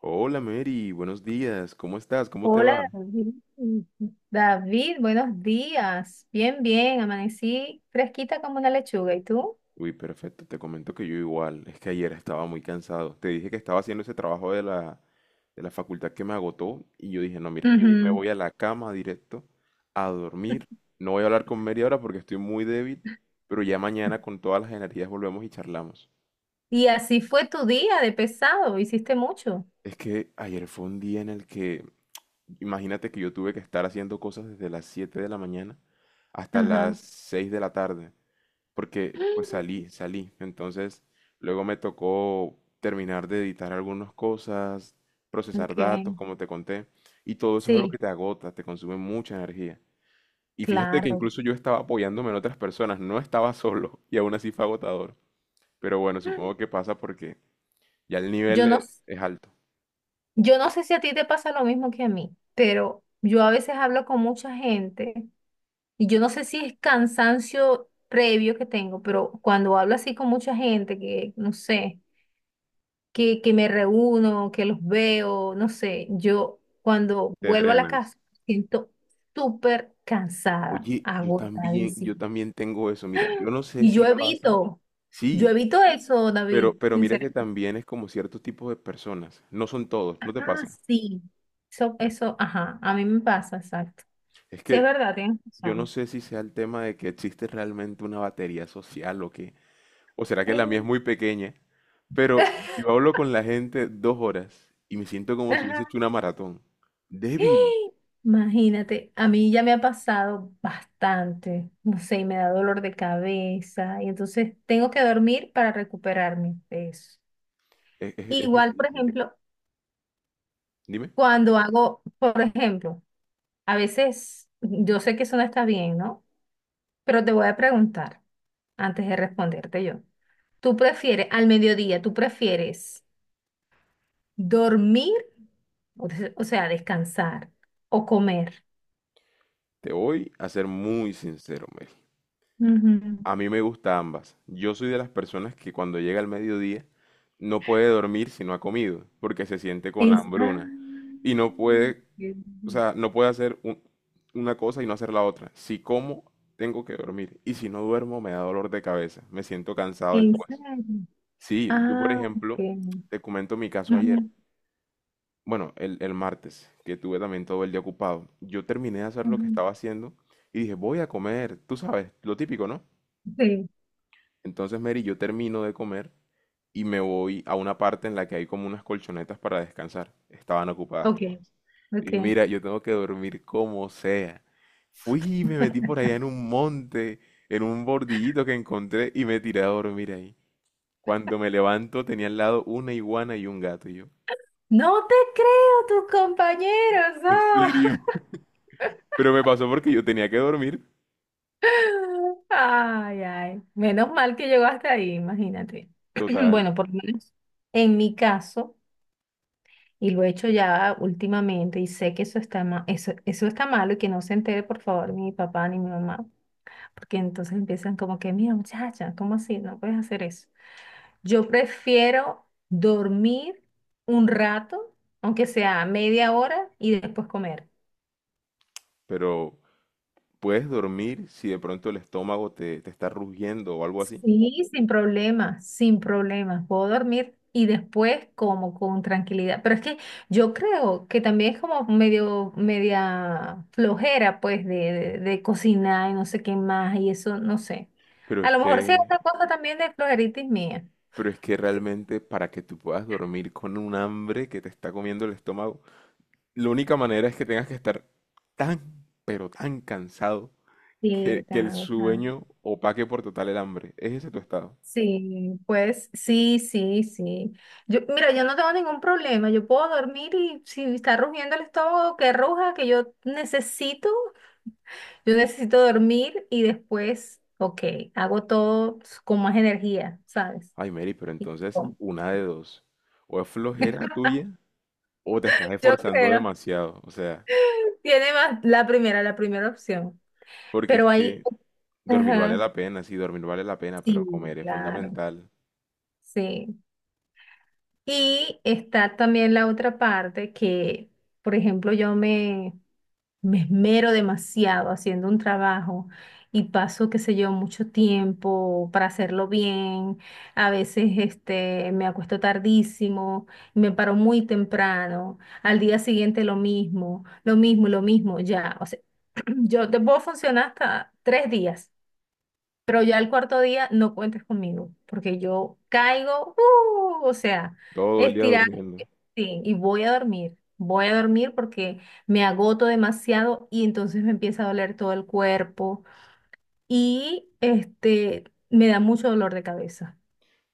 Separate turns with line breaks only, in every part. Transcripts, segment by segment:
Hola Mary, buenos días, ¿cómo estás? ¿Cómo te va?
Hola David, David, buenos días. Bien, bien, amanecí fresquita como una lechuga. ¿Y tú?
Uy, perfecto, te comento que yo igual, es que ayer estaba muy cansado. Te dije que estaba haciendo ese trabajo de la facultad que me agotó y yo dije, no, mira, yo me
Ujú.
voy a la cama directo a dormir. No voy a hablar con Mary ahora porque estoy muy débil, pero ya mañana con todas las energías volvemos y charlamos.
Y así fue tu día de pesado, hiciste mucho.
Es que ayer fue un día en el que, imagínate que yo tuve que estar haciendo cosas desde las 7 de la mañana hasta las
Ajá.
6 de la tarde. Porque pues salí, salí. Entonces, luego me tocó terminar de editar algunas cosas, procesar
Ok,
datos, como te conté, y todo eso es algo que
sí,
te agota, te consume mucha energía. Y fíjate que
claro.
incluso yo estaba apoyándome en otras personas, no estaba solo, y aún así fue agotador. Pero bueno, supongo que pasa porque ya el nivel
Yo no, s-
es alto,
yo no sé si a ti te pasa lo mismo que a mí, pero yo a veces hablo con mucha gente y yo no sé si es cansancio previo que tengo, pero cuando hablo así con mucha gente, que no sé. Que me reúno, que los veo, no sé, yo cuando
te
vuelvo a la casa
drenas.
siento súper cansada,
Oye,
agotadísima.
yo también tengo eso, mira, yo no sé
Y yo
si pasa.
evito, yo
Sí,
evito eso,
Pero,
David,
pero mira que
sinceramente.
también es como ciertos tipos de personas, no son todos, no te
Ah,
pasa.
sí, eso, ajá, a mí me pasa, exacto.
Es
Sí, es
que
verdad, tienes
yo no
razón.
sé si sea el tema de que existe realmente una batería social o qué, o será que la mía es
Eh.
muy pequeña, pero yo hablo con la gente 2 horas y me siento como si hubiese hecho una maratón. Débil,
Imagínate, a mí ya me ha pasado bastante, no sé, y me da dolor de cabeza y entonces tengo que dormir para recuperarme de eso.
es
Igual, por
difícil.
ejemplo,
Dime,
cuando hago, por ejemplo, a veces yo sé que eso no está bien, ¿no? Pero te voy a preguntar antes de responderte yo. ¿Tú prefieres, al mediodía, tú prefieres dormir, o sea, descansar o comer?
te voy a ser muy sincero, Mel.
Ujú.
A mí me gusta ambas. Yo soy de las personas que cuando llega el mediodía no puede dormir si no ha comido, porque se siente con
Es- ah,
hambruna. Y no puede, o sea, no puede hacer una cosa y no hacer la otra. Si como, tengo que dormir. Y si no duermo, me da dolor de cabeza. Me siento cansado
¿En
después.
serio?
Sí, yo por
Ah, ok.
ejemplo, te comento mi caso ayer.
Ujú,
Bueno, el martes, que tuve también todo el día ocupado. Yo terminé de hacer lo que
ujú.
estaba haciendo y dije, voy a comer. Tú sabes, lo típico, ¿no?
Sí,
Entonces, Mary, yo termino de comer y me voy a una parte en la que hay como unas colchonetas para descansar. Estaban ocupadas
ok,
todas. Y
ok.
dije, mira, yo tengo que dormir como sea. Fui y me metí por allá en un monte, en un bordillito que encontré y me tiré a dormir ahí. Cuando me levanto tenía al lado una iguana y un gato y yo.
No te creo, tus compañeros,
¿En
no.
serio? Pero me pasó porque yo tenía que dormir.
Ay, ay. Menos mal que llegó hasta ahí, imagínate.
Total.
Bueno, por lo menos en mi caso, y lo he hecho ya últimamente, y sé que eso está malo y que no se entere, por favor, ni mi papá ni mi mamá. Porque entonces empiezan como que, mira, muchacha, ¿cómo así? No puedes hacer eso. Yo prefiero dormir un rato, aunque sea media hora, y después comer.
Pero puedes dormir si de pronto el estómago te está rugiendo o algo así.
Sí, sin problema, sin problema. Puedo dormir y después como con tranquilidad. Pero es que yo creo que también es como medio, media flojera, pues, de cocinar y no sé qué más, y eso, no sé.
Pero
A
es
lo mejor sí es
que
otra cosa también de flojeritis mía.
pero es que realmente para que tú puedas dormir con un hambre que te está comiendo el estómago, la única manera es que tengas que estar tan, pero tan cansado
Sí,
que el sueño opaque por total el hambre. ¿Es ese tu estado?
sí, pues sí, sí, sí. Yo, mira, yo no tengo ningún problema. Yo puedo dormir y si está rugiendo el estómago, que ruja, que yo necesito dormir y después, ok, hago todo con más energía, ¿sabes?
Ay, Mary, pero entonces
Com-
una de dos. O es flojera tuya o te estás
Yo
esforzando
creo.
demasiado. O sea,
Tiene más la primera opción.
porque es
Pero ahí,
que dormir vale
ajá,
la pena, sí, dormir vale la pena, pero
sí,
comer es
claro,
fundamental.
sí. Y está también la otra parte que, por ejemplo, yo me esmero demasiado haciendo un trabajo y paso, qué sé yo, mucho tiempo para hacerlo bien. A veces me acuesto tardísimo, me paro muy temprano, al día siguiente lo mismo, lo mismo, lo mismo, ya. O sea, yo te puedo funcionar hasta tres días pero ya el cuarto día no cuentes conmigo, porque yo caigo, o sea,
Todo el día
estirar,
durmiendo.
sí, y voy a dormir. Voy a dormir porque me agoto demasiado y entonces me empieza a doler todo el cuerpo y me da mucho dolor de cabeza.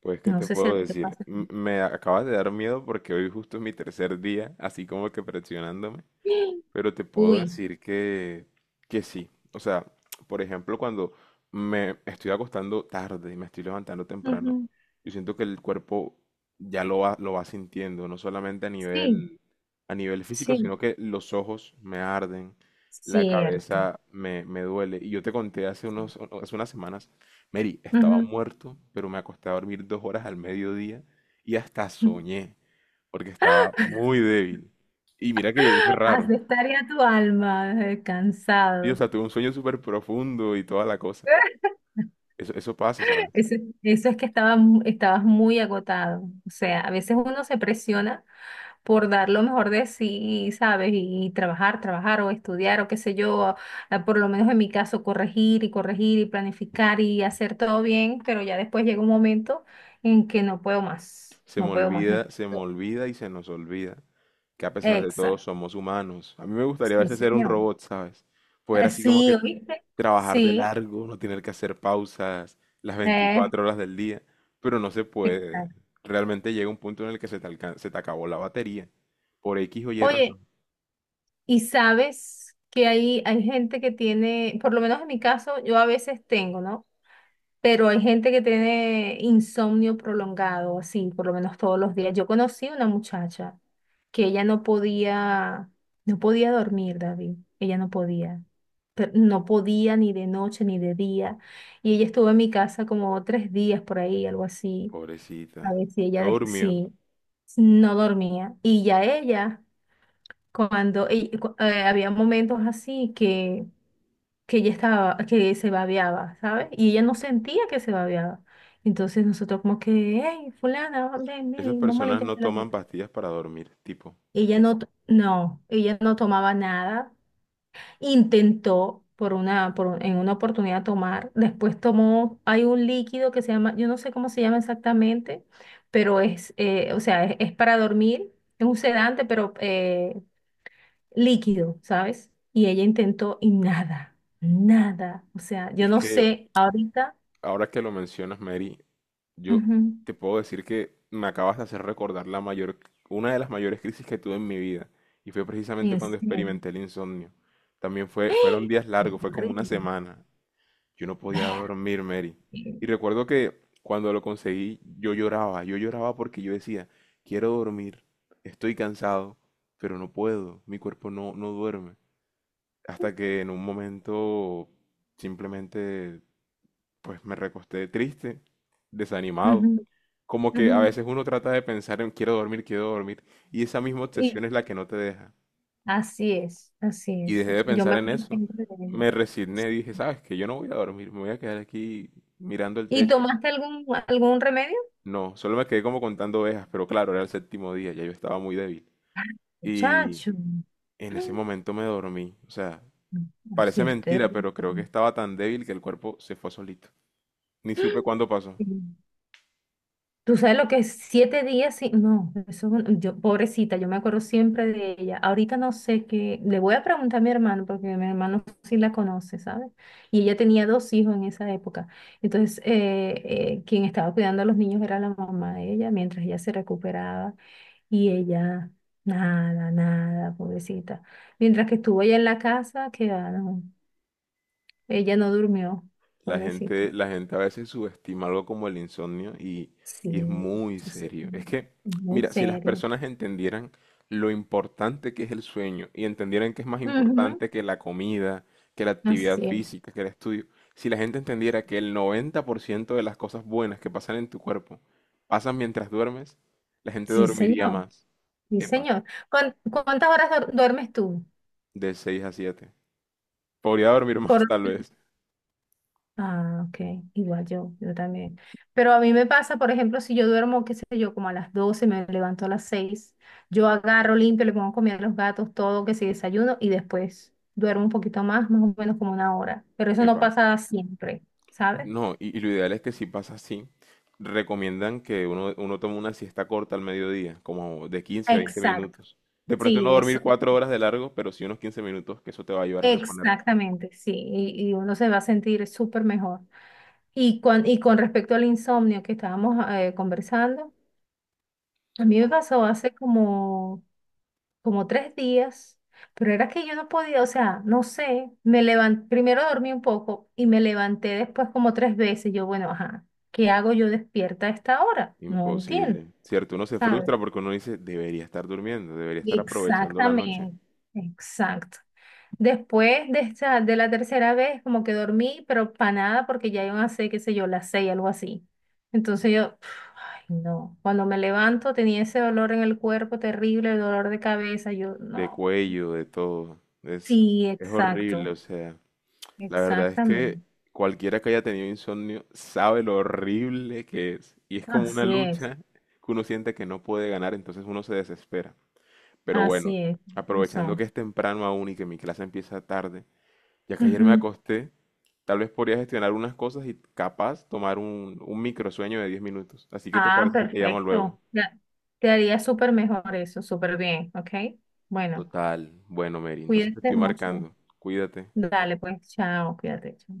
Pues, ¿qué
No
te
sé si
puedo
a ti te
decir?
pasa.
M- Me acabas de dar miedo porque hoy justo es mi tercer día, así como que presionándome. Pero te puedo
Uy.
decir que sí. O sea, por ejemplo, cuando me estoy acostando tarde y me estoy levantando temprano,
Ujú.
yo siento que el cuerpo ya lo va sintiendo, no solamente
Sí,
a nivel físico,
sí,
sino que los ojos me arden, la
cierto.
cabeza me duele. Y yo te conté
Sí.
hace unas semanas, Mary, estaba
Ujú.
muerto, pero me acosté a dormir 2 horas al mediodía y hasta soñé, porque estaba muy débil. Y mira que es
Has
raro,
de tu alma,
sí, o
cansado.
sea, tuve un sueño súper profundo y toda la cosa. Eso pasa, ¿sabes?
Eso, eso es que estabas muy agotado. O sea, a veces uno se presiona por dar lo mejor de sí, ¿sabes? Y, trabajar, trabajar o estudiar o qué sé yo, por lo menos en mi caso, corregir y corregir y planificar y hacer todo bien, pero ya después llega un momento en que no puedo más, no puedo más.
Se me olvida y se nos olvida que a pesar de todo
Exacto,
somos humanos. A mí me gustaría a
sí,
veces ser un
señor.
robot, ¿sabes? Poder así como
Sí,
que
¿oíste?
trabajar de
Sí,
largo, no tener que hacer pausas las
eh,
24 horas del día, pero no se puede.
exacto.
Realmente llega un punto en el que se te acabó la batería. Por X o Y
Oye.
razón.
Y sabes que hay gente que tiene, por lo menos en mi caso, yo a veces tengo, ¿no? Pero hay gente que tiene insomnio prolongado, así, por lo menos todos los días. Yo conocí una muchacha que ella no podía, no podía dormir, David. Ella no podía. Pero no podía ni de noche ni de día. Y ella estuvo en mi casa como 3 días por ahí, algo así.
Pobrecita.
A ver si ella,
No durmió.
sí, no dormía. Y ya ella había momentos así que, ella estaba, que se babeaba, ¿sabes? Y ella no sentía que se babeaba. Entonces nosotros como que, hey, fulana, ven,
Esas
ven, vamos a
personas
limpiarte
no
la
toman
boca.
pastillas para dormir, tipo.
Ella no tomaba nada. Intentó por una, por, un- en una oportunidad tomar. Después tomó, hay un líquido que se llama, yo no sé cómo se llama exactamente, pero es, o sea, es para dormir. Es un sedante, pero líquido, ¿sabes? Y ella intentó y nada, nada. O sea, yo
Es
no
que,
sé ahorita,
ahora que lo mencionas, Mary, yo
ujú,
te puedo decir que me acabas de hacer recordar la mayor, una de las mayores crisis que tuve en mi vida, y fue precisamente
en
cuando
serio,
experimenté el insomnio. También fueron
¡ah!
días
Es
largos, fue como una
horrible.
semana. Yo no podía dormir, Mary.
Eh,
Y recuerdo que cuando lo conseguí, yo lloraba porque yo decía, quiero dormir, estoy cansado, pero no puedo, mi cuerpo no duerme. Hasta que en un momento simplemente pues me recosté triste, desanimado.
ujú,
Como que
ujú.
a veces uno trata de pensar en quiero dormir, y esa misma
Y
obsesión es la que no te deja.
así es, así
Y
es.
dejé de
Yo me
pensar en
acuerdo
eso.
siempre de ella.
Me resigné, dije, sabes que yo no voy a dormir, me voy a quedar aquí mirando el
¿Y
techo.
tomaste algún remedio?
No, solo me quedé como contando ovejas, pero claro, era el séptimo día, ya yo estaba muy débil. Y
Muchacho. Mm.
en ese momento me dormí. O sea,
Así
parece
es
mentira,
terrible.
pero creo que estaba tan débil que el cuerpo se fue solito. Ni supe cuándo pasó.
Tú sabes lo que es 7 días sin... No, yo, pobrecita, yo me acuerdo siempre de ella. Ahorita no sé qué. Le voy a preguntar a mi hermano, porque mi hermano sí la conoce, ¿sabes? Y ella tenía dos hijos en esa época. Entonces, quien estaba cuidando a los niños era la mamá de ella, mientras ella se recuperaba. Y ella, nada, nada, pobrecita. Mientras que estuvo ella en la casa, que ah, no, ella no durmió, pobrecita.
La gente a veces subestima algo como el insomnio y,
Sí,
y es muy
sí, sí.
serio. Es que,
Muy
mira, si las
serio.
personas entendieran lo importante que es el sueño y entendieran que es más
Ujú.
importante que la comida, que la actividad
Así es.
física, que el estudio, si la gente entendiera que el 90% de las cosas buenas que pasan en tu cuerpo pasan mientras duermes, la gente
Sí,
dormiría
señor.
más.
Sí,
Epa,
señor. ¿Cuán- ¿Cuántas horas duermes tú?
de 6 a 7 podría dormir
Por...
más tal vez.
Ah, ok. Igual yo también. Pero a mí me pasa, por ejemplo, si yo duermo, qué sé yo, como a las 12 me levanto a las 6, yo agarro, limpio, le pongo a comer a los gatos, todo, que si desayuno, y después duermo un poquito más, más o menos como una hora. Pero eso no
Epa.
pasa siempre, ¿sabes?
No, y lo ideal es que si pasa así, recomiendan que uno tome una siesta corta al mediodía, como de quince a veinte
Exacto.
minutos. De pronto no
Sí,
dormir
eso.
4 horas de largo, pero sí unos 15 minutos, que eso te va a ayudar a reponerte.
Exactamente, sí, y uno se va a sentir súper mejor. Y con respecto al insomnio que estábamos conversando, a mí me pasó hace como 3 días, pero era que yo no podía, o sea, no sé, me levanté, primero dormí un poco y me levanté después como tres veces. Yo, bueno, ajá, ¿qué hago yo despierta a esta hora? No entiendo,
Imposible. Cierto, uno se
¿sabes?
frustra porque uno dice, debería estar durmiendo, debería estar aprovechando la noche,
Exactamente, exacto. Después de esa, de la tercera vez, como que dormí, pero para nada, porque ya iban a ser, qué sé yo, las 6, algo así. Entonces yo, ay, no. Cuando me levanto tenía ese dolor en el cuerpo terrible, el dolor de cabeza. Yo,
de
no.
cuello, de todo.
Sí,
Es horrible,
exacto,
o sea. La verdad es que
exactamente.
cualquiera que haya tenido insomnio sabe lo horrible que es. Y es como una
Así es,
lucha que uno siente que no puede ganar, entonces uno se desespera. Pero bueno,
así es.
aprovechando
Eso.
que es temprano aún y que mi clase empieza tarde, ya que ayer me
Ujú.
acosté, tal vez podría gestionar unas cosas y capaz tomar un microsueño de 10 minutos. Así que te
Ah,
parece que te llamo
perfecto.
luego.
Ya. Te haría súper mejor eso, súper bien, ¿ok? Bueno,
Total, bueno, Mary, entonces te
cuídate
estoy
mucho.
marcando. Cuídate.
Dale, pues, chao, cuídate. Chao.